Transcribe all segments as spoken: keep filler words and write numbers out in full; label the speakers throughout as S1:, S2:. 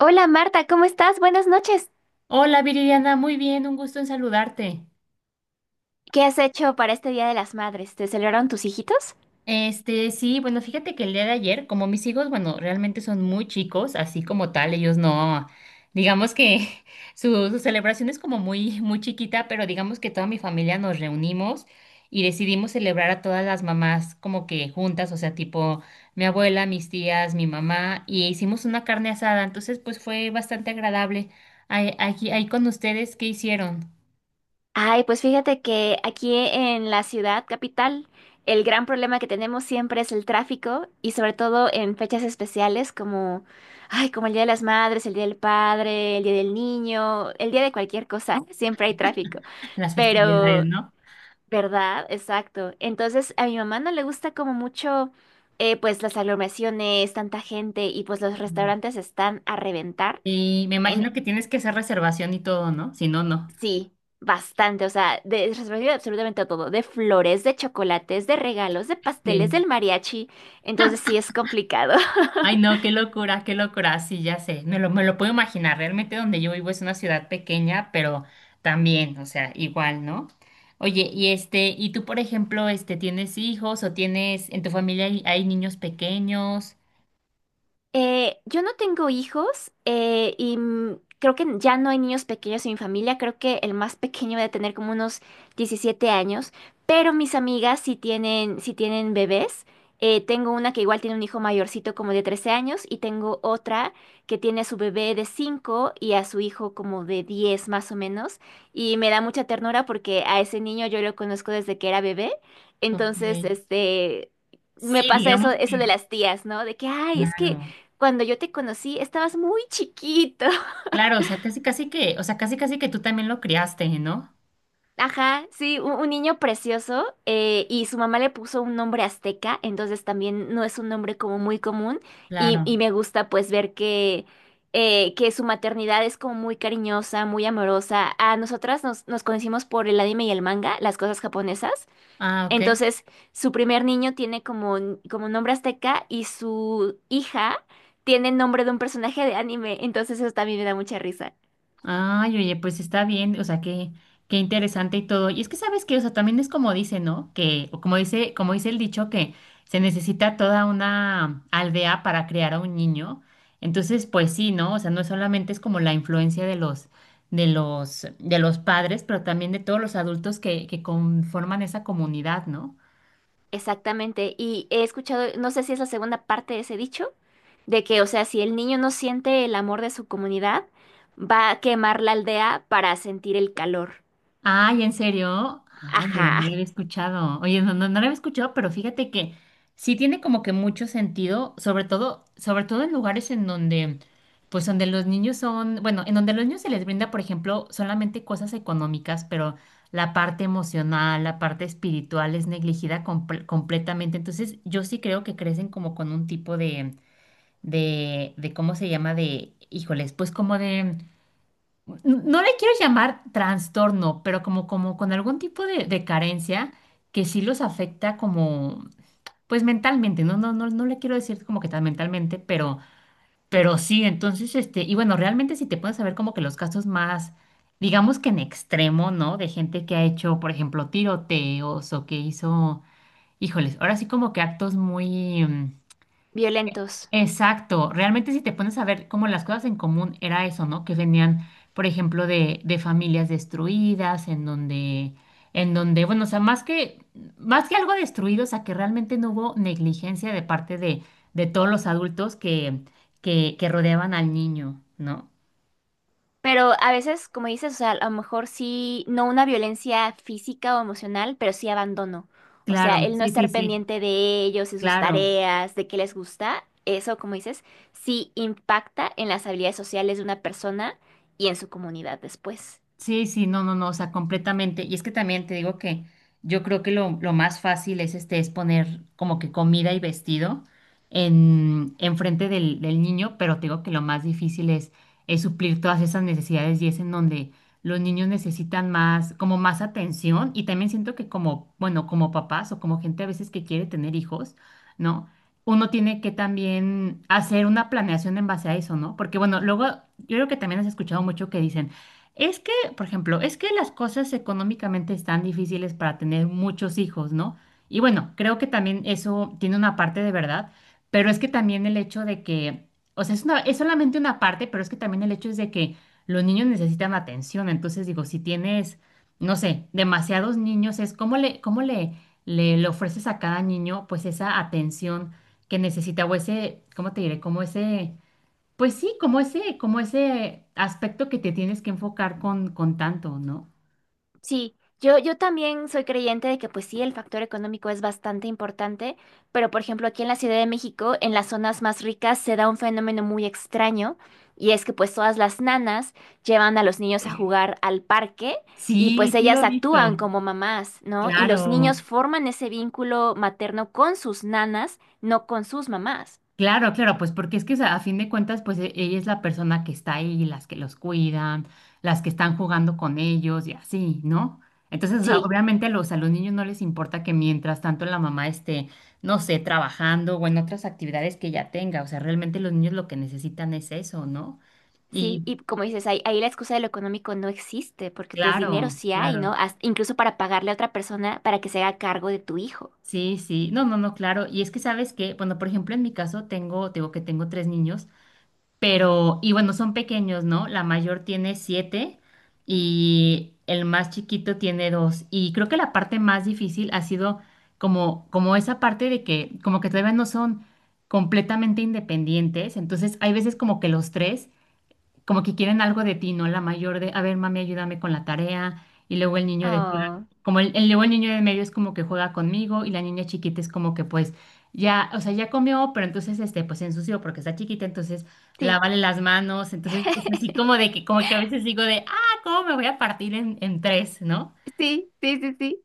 S1: Hola Marta, ¿cómo estás? Buenas noches.
S2: Hola Viridiana, muy bien, un gusto en saludarte.
S1: ¿Qué has hecho para este Día de las Madres? ¿Te celebraron tus hijitos?
S2: Este, sí, bueno, fíjate que el día de ayer, como mis hijos, bueno, realmente son muy chicos, así como tal, ellos no, digamos que su, su celebración es como muy, muy chiquita, pero digamos que toda mi familia nos reunimos y decidimos celebrar a todas las mamás como que juntas, o sea, tipo mi abuela, mis tías, mi mamá, y hicimos una carne asada, entonces pues fue bastante agradable. Ahí, aquí, ahí con ustedes, ¿qué hicieron?
S1: Ay, pues fíjate que aquí en la ciudad capital, el gran problema que tenemos siempre es el tráfico y sobre todo en fechas especiales como, ay, como el Día de las Madres, el Día del Padre, el Día del Niño, el Día de cualquier cosa, siempre hay tráfico.
S2: Las festividades,
S1: Pero
S2: ¿no?
S1: ¿verdad? Exacto. Entonces, a mi mamá no le gusta como mucho, eh, pues las aglomeraciones, tanta gente y pues los restaurantes están a reventar.
S2: Y me
S1: En...
S2: imagino que tienes que hacer reservación y todo, ¿no? Si no, no.
S1: Sí, bastante. O sea, de, es respectivo de absolutamente todo. De flores, de chocolates, de regalos, de pasteles,
S2: Sí.
S1: del mariachi. Entonces, sí es complicado.
S2: Ay, no, qué locura, qué locura. Sí, ya sé. Me lo, me lo puedo imaginar. Realmente donde yo vivo es una ciudad pequeña, pero también, o sea, igual, ¿no? Oye, y este, y tú, por ejemplo, este, ¿tienes hijos o tienes, en tu familia hay, hay niños pequeños?
S1: Eh, yo no tengo hijos, eh, y mm, creo que ya no hay niños pequeños en mi familia. Creo que el más pequeño debe tener como unos diecisiete años, pero mis amigas sí tienen, sí tienen bebés. Eh, tengo una que igual tiene un hijo mayorcito como de trece años y tengo otra que tiene a su bebé de cinco y a su hijo como de diez más o menos. Y me da mucha ternura porque a ese niño yo lo conozco desde que era bebé. Entonces,
S2: Ok.
S1: este... Me
S2: Sí,
S1: pasa
S2: digamos
S1: eso, eso de
S2: que.
S1: las tías, ¿no? De que, ay, es que
S2: Claro.
S1: cuando yo te conocí, estabas muy chiquito.
S2: Claro, o sea, casi casi que, o sea, casi casi que tú también lo criaste, ¿no?
S1: Ajá, sí, un, un niño precioso. Eh, y su mamá le puso un nombre azteca, entonces también no es un nombre como muy común. Y, y
S2: Claro.
S1: me gusta pues ver que, eh, que su maternidad es como muy cariñosa, muy amorosa. A nosotras nos, nos conocimos por el anime y el manga, las cosas japonesas.
S2: Ah, ok.
S1: Entonces, su primer niño tiene como, como nombre azteca y su hija tiene el nombre de un personaje de anime. Entonces, eso también me da mucha risa.
S2: Ay, oye, pues está bien, o sea, qué, qué interesante y todo. Y es que sabes que, o sea, también es como dice, ¿no? Que, o como dice, como dice el dicho, que se necesita toda una aldea para criar a un niño. Entonces, pues sí, ¿no? O sea, no solamente es como la influencia de los, de los, de los padres, pero también de todos los adultos que, que conforman esa comunidad, ¿no?
S1: Exactamente, y he escuchado, no sé si es la segunda parte de ese dicho, de que, o sea, si el niño no siente el amor de su comunidad, va a quemar la aldea para sentir el calor.
S2: Ay, ¿en serio? Ay, mira, no lo
S1: Ajá,
S2: había escuchado. Oye, no, no, no lo había escuchado, pero fíjate que sí tiene como que mucho sentido, sobre todo, sobre todo en lugares en donde, pues donde los niños son, bueno, en donde a los niños se les brinda, por ejemplo, solamente cosas económicas, pero la parte emocional, la parte espiritual es negligida comple- completamente. Entonces, yo sí creo que crecen como con un tipo de, de, de, ¿cómo se llama? De, híjoles, pues como de no le quiero llamar trastorno, pero como, como con algún tipo de, de carencia que sí los afecta como, pues mentalmente, no, no, no, no le quiero decir como que tan mentalmente, pero, pero, sí, entonces, este, y bueno, realmente si te puedes saber como que los casos más, digamos que en extremo, ¿no? De gente que ha hecho, por ejemplo, tiroteos o que hizo, híjoles, ahora sí como que actos muy, mm,
S1: violentos.
S2: Exacto, realmente si te pones a ver como las cosas en común era eso, ¿no? Que venían, por ejemplo, de, de familias destruidas, en donde, en donde, bueno, o sea, más que, más que algo destruido, o sea, que realmente no hubo negligencia de parte de, de todos los adultos que, que, que rodeaban al niño, ¿no?
S1: Pero a veces, como dices, o sea, a lo mejor sí, no una violencia física o emocional, pero sí abandono. O sea,
S2: Claro,
S1: el no
S2: sí, sí,
S1: estar
S2: sí,
S1: pendiente de ellos, de sus
S2: claro.
S1: tareas, de qué les gusta, eso, como dices, sí impacta en las habilidades sociales de una persona y en su comunidad después.
S2: Sí, sí, no, no, no, o sea, completamente. Y es que también te digo que yo creo que lo, lo más fácil es este, es poner como que comida y vestido en, en frente del, del niño, pero te digo que lo más difícil es, es suplir todas esas necesidades y es en donde los niños necesitan más, como más atención. Y también siento que como, bueno, como papás o como gente a veces que quiere tener hijos, ¿no? Uno tiene que también hacer una planeación en base a eso, ¿no? Porque bueno, luego yo creo que también has escuchado mucho que dicen es que, por ejemplo, es que las cosas económicamente están difíciles para tener muchos hijos, ¿no? Y bueno, creo que también eso tiene una parte de verdad, pero es que también el hecho de que, o sea, es una, es solamente una parte, pero es que también el hecho es de que los niños necesitan atención. Entonces, digo, si tienes, no sé, demasiados niños, es cómo le, cómo le, le, le ofreces a cada niño, pues, esa atención que necesita, o ese, ¿cómo te diré? Como ese. Pues sí, como ese, como ese aspecto que te tienes que enfocar con, con tanto, ¿no?
S1: Sí, yo, yo también soy creyente de que pues sí, el factor económico es bastante importante, pero por ejemplo aquí en la Ciudad de México, en las zonas más ricas, se da un fenómeno muy extraño y es que pues todas las nanas llevan a los niños a jugar al parque y
S2: Sí,
S1: pues
S2: sí lo
S1: ellas
S2: he visto.
S1: actúan como mamás, ¿no? Y los
S2: Claro,
S1: niños forman ese vínculo materno con sus nanas, no con sus mamás.
S2: claro, claro, pues porque es que o sea, a fin de cuentas, pues e- ella es la persona que está ahí, las que los cuidan, las que están jugando con ellos y así, ¿no? Entonces, o sea,
S1: Sí.
S2: obviamente a los, a los niños no les importa que mientras tanto la mamá esté, no sé, trabajando o en otras actividades que ella tenga, o sea, realmente los niños lo que necesitan es eso, ¿no?
S1: Sí,
S2: Y
S1: y como dices, ahí, ahí la excusa de lo económico no existe, porque pues dinero
S2: claro,
S1: sí hay, ¿no?
S2: claro.
S1: Hasta- incluso para pagarle a otra persona para que se haga cargo de tu hijo.
S2: Sí, sí, no, no, no, claro. Y es que sabes que, bueno, por ejemplo, en mi caso tengo, te digo que tengo tres niños, pero, y bueno, son pequeños, ¿no? La mayor tiene siete y el más chiquito tiene dos. Y creo que la parte más difícil ha sido como, como esa parte de que, como que todavía no son completamente independientes. Entonces, hay veces como que los tres como que quieren algo de ti, ¿no? La mayor de, a ver, mami, ayúdame con la tarea. Y luego el niño de,
S1: Oh,
S2: como el, el- luego el niño de medio es como que juega conmigo y la niña chiquita es como que pues ya, o sea, ya comió, pero entonces este, pues se ensució porque está chiquita, entonces
S1: sí,
S2: lávale las manos. Entonces es así como de que, como que a veces digo de, ah, ¿cómo me voy a partir en, en, tres, ¿no?
S1: sí, sí, sí, sí.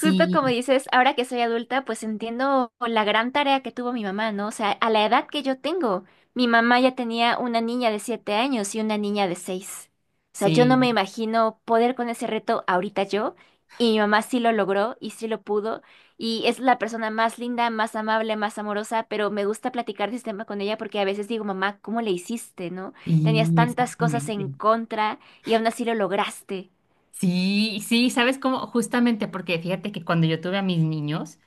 S1: Justo como dices, ahora que soy adulta, pues entiendo la gran tarea que tuvo mi mamá, ¿no? O sea, a la edad que yo tengo, mi mamá ya tenía una niña de siete años y una niña de seis. O sea, yo no me
S2: sí,
S1: imagino poder con ese reto ahorita yo, y mi mamá sí lo logró y sí lo pudo, y es la persona más linda, más amable, más amorosa, pero me gusta platicar de este tema con ella porque a veces digo, mamá, ¿cómo le hiciste, no? Tenías
S2: sí,
S1: tantas cosas
S2: exactamente.
S1: en contra y aún así lo lograste.
S2: Sí, sí, ¿sabes cómo? Justamente porque fíjate que cuando yo tuve a mis niños.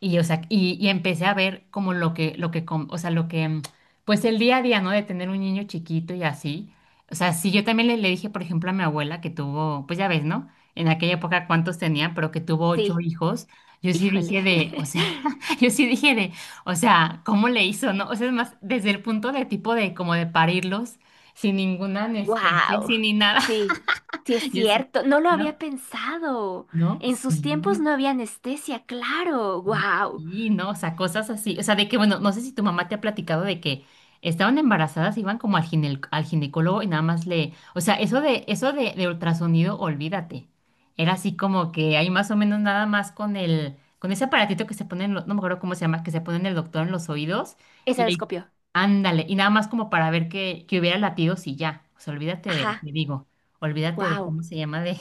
S2: Y, o sea, y, y empecé a ver como lo que, lo que, com- o sea, lo que, mm, pues el día a día, ¿no? De tener un niño chiquito y así. O sea, sí, yo también le, le dije, por ejemplo, a mi abuela que tuvo, pues ya ves, ¿no? En aquella época cuántos tenía, pero que tuvo ocho
S1: Sí,
S2: hijos. Yo sí
S1: híjole.
S2: dije de, o sea, yo sí dije de, o sea, ¿cómo le hizo, no? O sea, es más, desde el punto de tipo de como de parirlos sin ninguna anestesia,
S1: Wow,
S2: sin ni nada.
S1: sí, sí es
S2: Yo sí,
S1: cierto, no lo había
S2: ¿no?
S1: pensado.
S2: ¿No?
S1: En sus tiempos
S2: Sí.
S1: no había anestesia, claro, wow.
S2: Y no, o sea, cosas así. O sea, de que, bueno, no sé si tu mamá te ha platicado de que estaban embarazadas, iban como al gine- al ginecólogo y nada más le. O sea, eso de, eso de, de ultrasonido, olvídate. Era así como que hay más o menos nada más con el, con ese aparatito que se pone en lo- no me acuerdo cómo se llama, que se pone en el doctor en los oídos,
S1: Esa
S2: y ahí,
S1: descopió.
S2: ándale, y nada más como para ver que, que, hubiera latidos y ya. O sea, olvídate de, te
S1: Ajá,
S2: digo, olvídate de
S1: wow,
S2: cómo se llama de,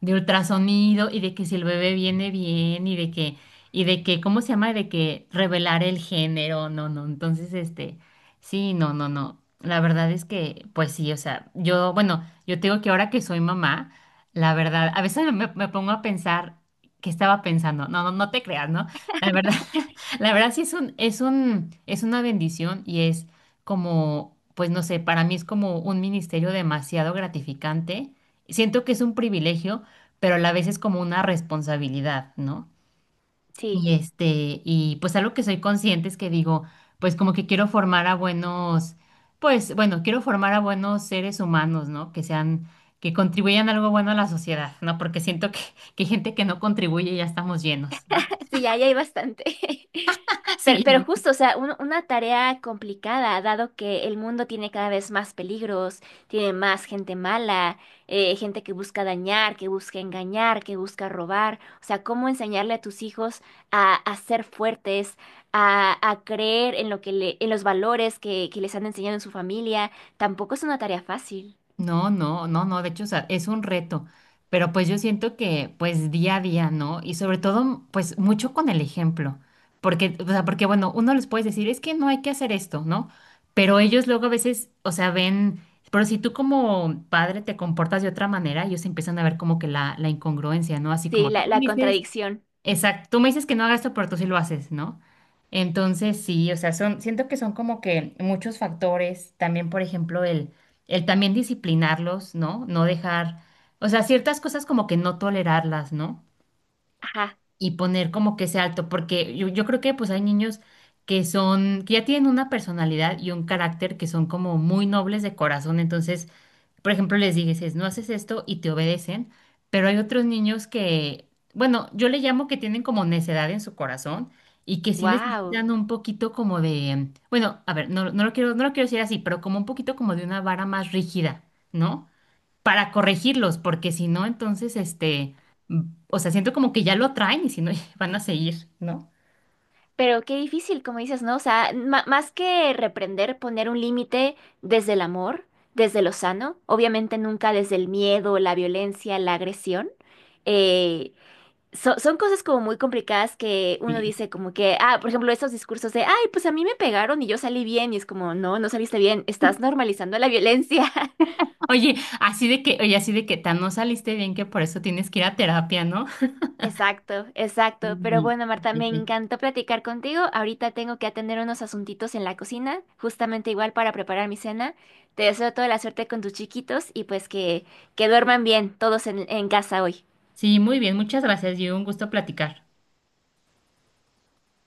S2: de ultrasonido y de que si el bebé viene bien y de que y de que, ¿cómo se llama? De que revelar el género, no, no. Entonces, este, sí, no, no, no. La verdad es que, pues sí, o sea, yo, bueno, yo te digo que ahora que soy mamá, la verdad, a veces me, me pongo a pensar qué estaba pensando. No, no, no te creas, ¿no? La verdad, la verdad sí es un, es un, es una bendición y es como, pues no sé, para mí es como un ministerio demasiado gratificante. Siento que es un privilegio, pero a la vez es como una responsabilidad, ¿no?
S1: sí.
S2: Y este, y pues algo que soy consciente es que digo, pues como que quiero formar a buenos, pues bueno, quiero formar a buenos seres humanos, ¿no? Que sean, que contribuyan algo bueno a la sociedad, ¿no? Porque siento que, que, hay gente que no contribuye y ya estamos llenos, ¿no?
S1: Sí, ya, ya hay bastante. Pero, pero
S2: Sí,
S1: justo, o sea, un- una tarea complicada, dado que el mundo tiene cada vez más peligros, tiene más gente mala, eh, gente que busca dañar, que busca engañar, que busca robar. O sea, ¿cómo enseñarle a tus hijos a, a ser fuertes, a, a creer en lo que le, en los valores que, que les han enseñado en su familia? Tampoco es una tarea fácil.
S2: no, no, no, no, de hecho, o sea, es un reto, pero pues yo siento que pues día a día, ¿no? Y sobre todo, pues mucho con el ejemplo, porque, o sea, porque bueno, uno les puede decir, es que no hay que hacer esto, ¿no? Pero ellos luego a veces, o sea, ven, pero si tú como padre te comportas de otra manera, ellos empiezan a ver como que la, la incongruencia, ¿no? Así
S1: Sí,
S2: como tú
S1: la,
S2: me
S1: la
S2: dices.
S1: contradicción.
S2: Exacto, tú me dices que no hagas esto, pero tú sí lo haces, ¿no? Entonces, sí, o sea, son, siento que son como que muchos factores, también, por ejemplo, el, el también disciplinarlos, ¿no? No dejar, o sea, ciertas cosas como que no tolerarlas, ¿no?
S1: Ajá.
S2: Y poner como que ese alto, porque yo, yo creo que pues hay niños que son, que ya tienen una personalidad y un carácter que son como muy nobles de corazón, entonces por ejemplo, les dices, no haces esto y te obedecen, pero hay otros niños que, bueno, yo le llamo que tienen como necedad en su corazón y que sí
S1: Wow.
S2: necesitan un poquito como de, bueno, a ver, no, no lo quiero, no lo quiero decir así, pero como un poquito como de una vara más rígida, ¿no? Para corregirlos, porque si no, entonces, este, mm, o sea, siento como que ya lo traen y si no, van a seguir, ¿no?
S1: Pero qué difícil, como dices, ¿no? O sea, ma- más que reprender, poner un límite desde el amor, desde lo sano, obviamente nunca desde el miedo, la violencia, la agresión. Eh, so- son cosas como muy complicadas que uno
S2: Sí.
S1: dice como que, ah, por ejemplo, esos discursos de, ay, pues a mí me pegaron y yo salí bien, y es como, no, no saliste bien, estás normalizando la violencia.
S2: Oye, así de que, oye, así de que tan no saliste bien que por eso tienes que ir a terapia, ¿no?
S1: Exacto, exacto. Pero
S2: Sí,
S1: bueno, Marta,
S2: sí,
S1: me
S2: sí.
S1: encantó platicar contigo. Ahorita tengo que atender unos asuntitos en la cocina, justamente igual para preparar mi cena. Te deseo toda la suerte con tus chiquitos y pues que, que duerman bien todos en, en casa hoy.
S2: Sí, muy bien, muchas gracias y un gusto platicar.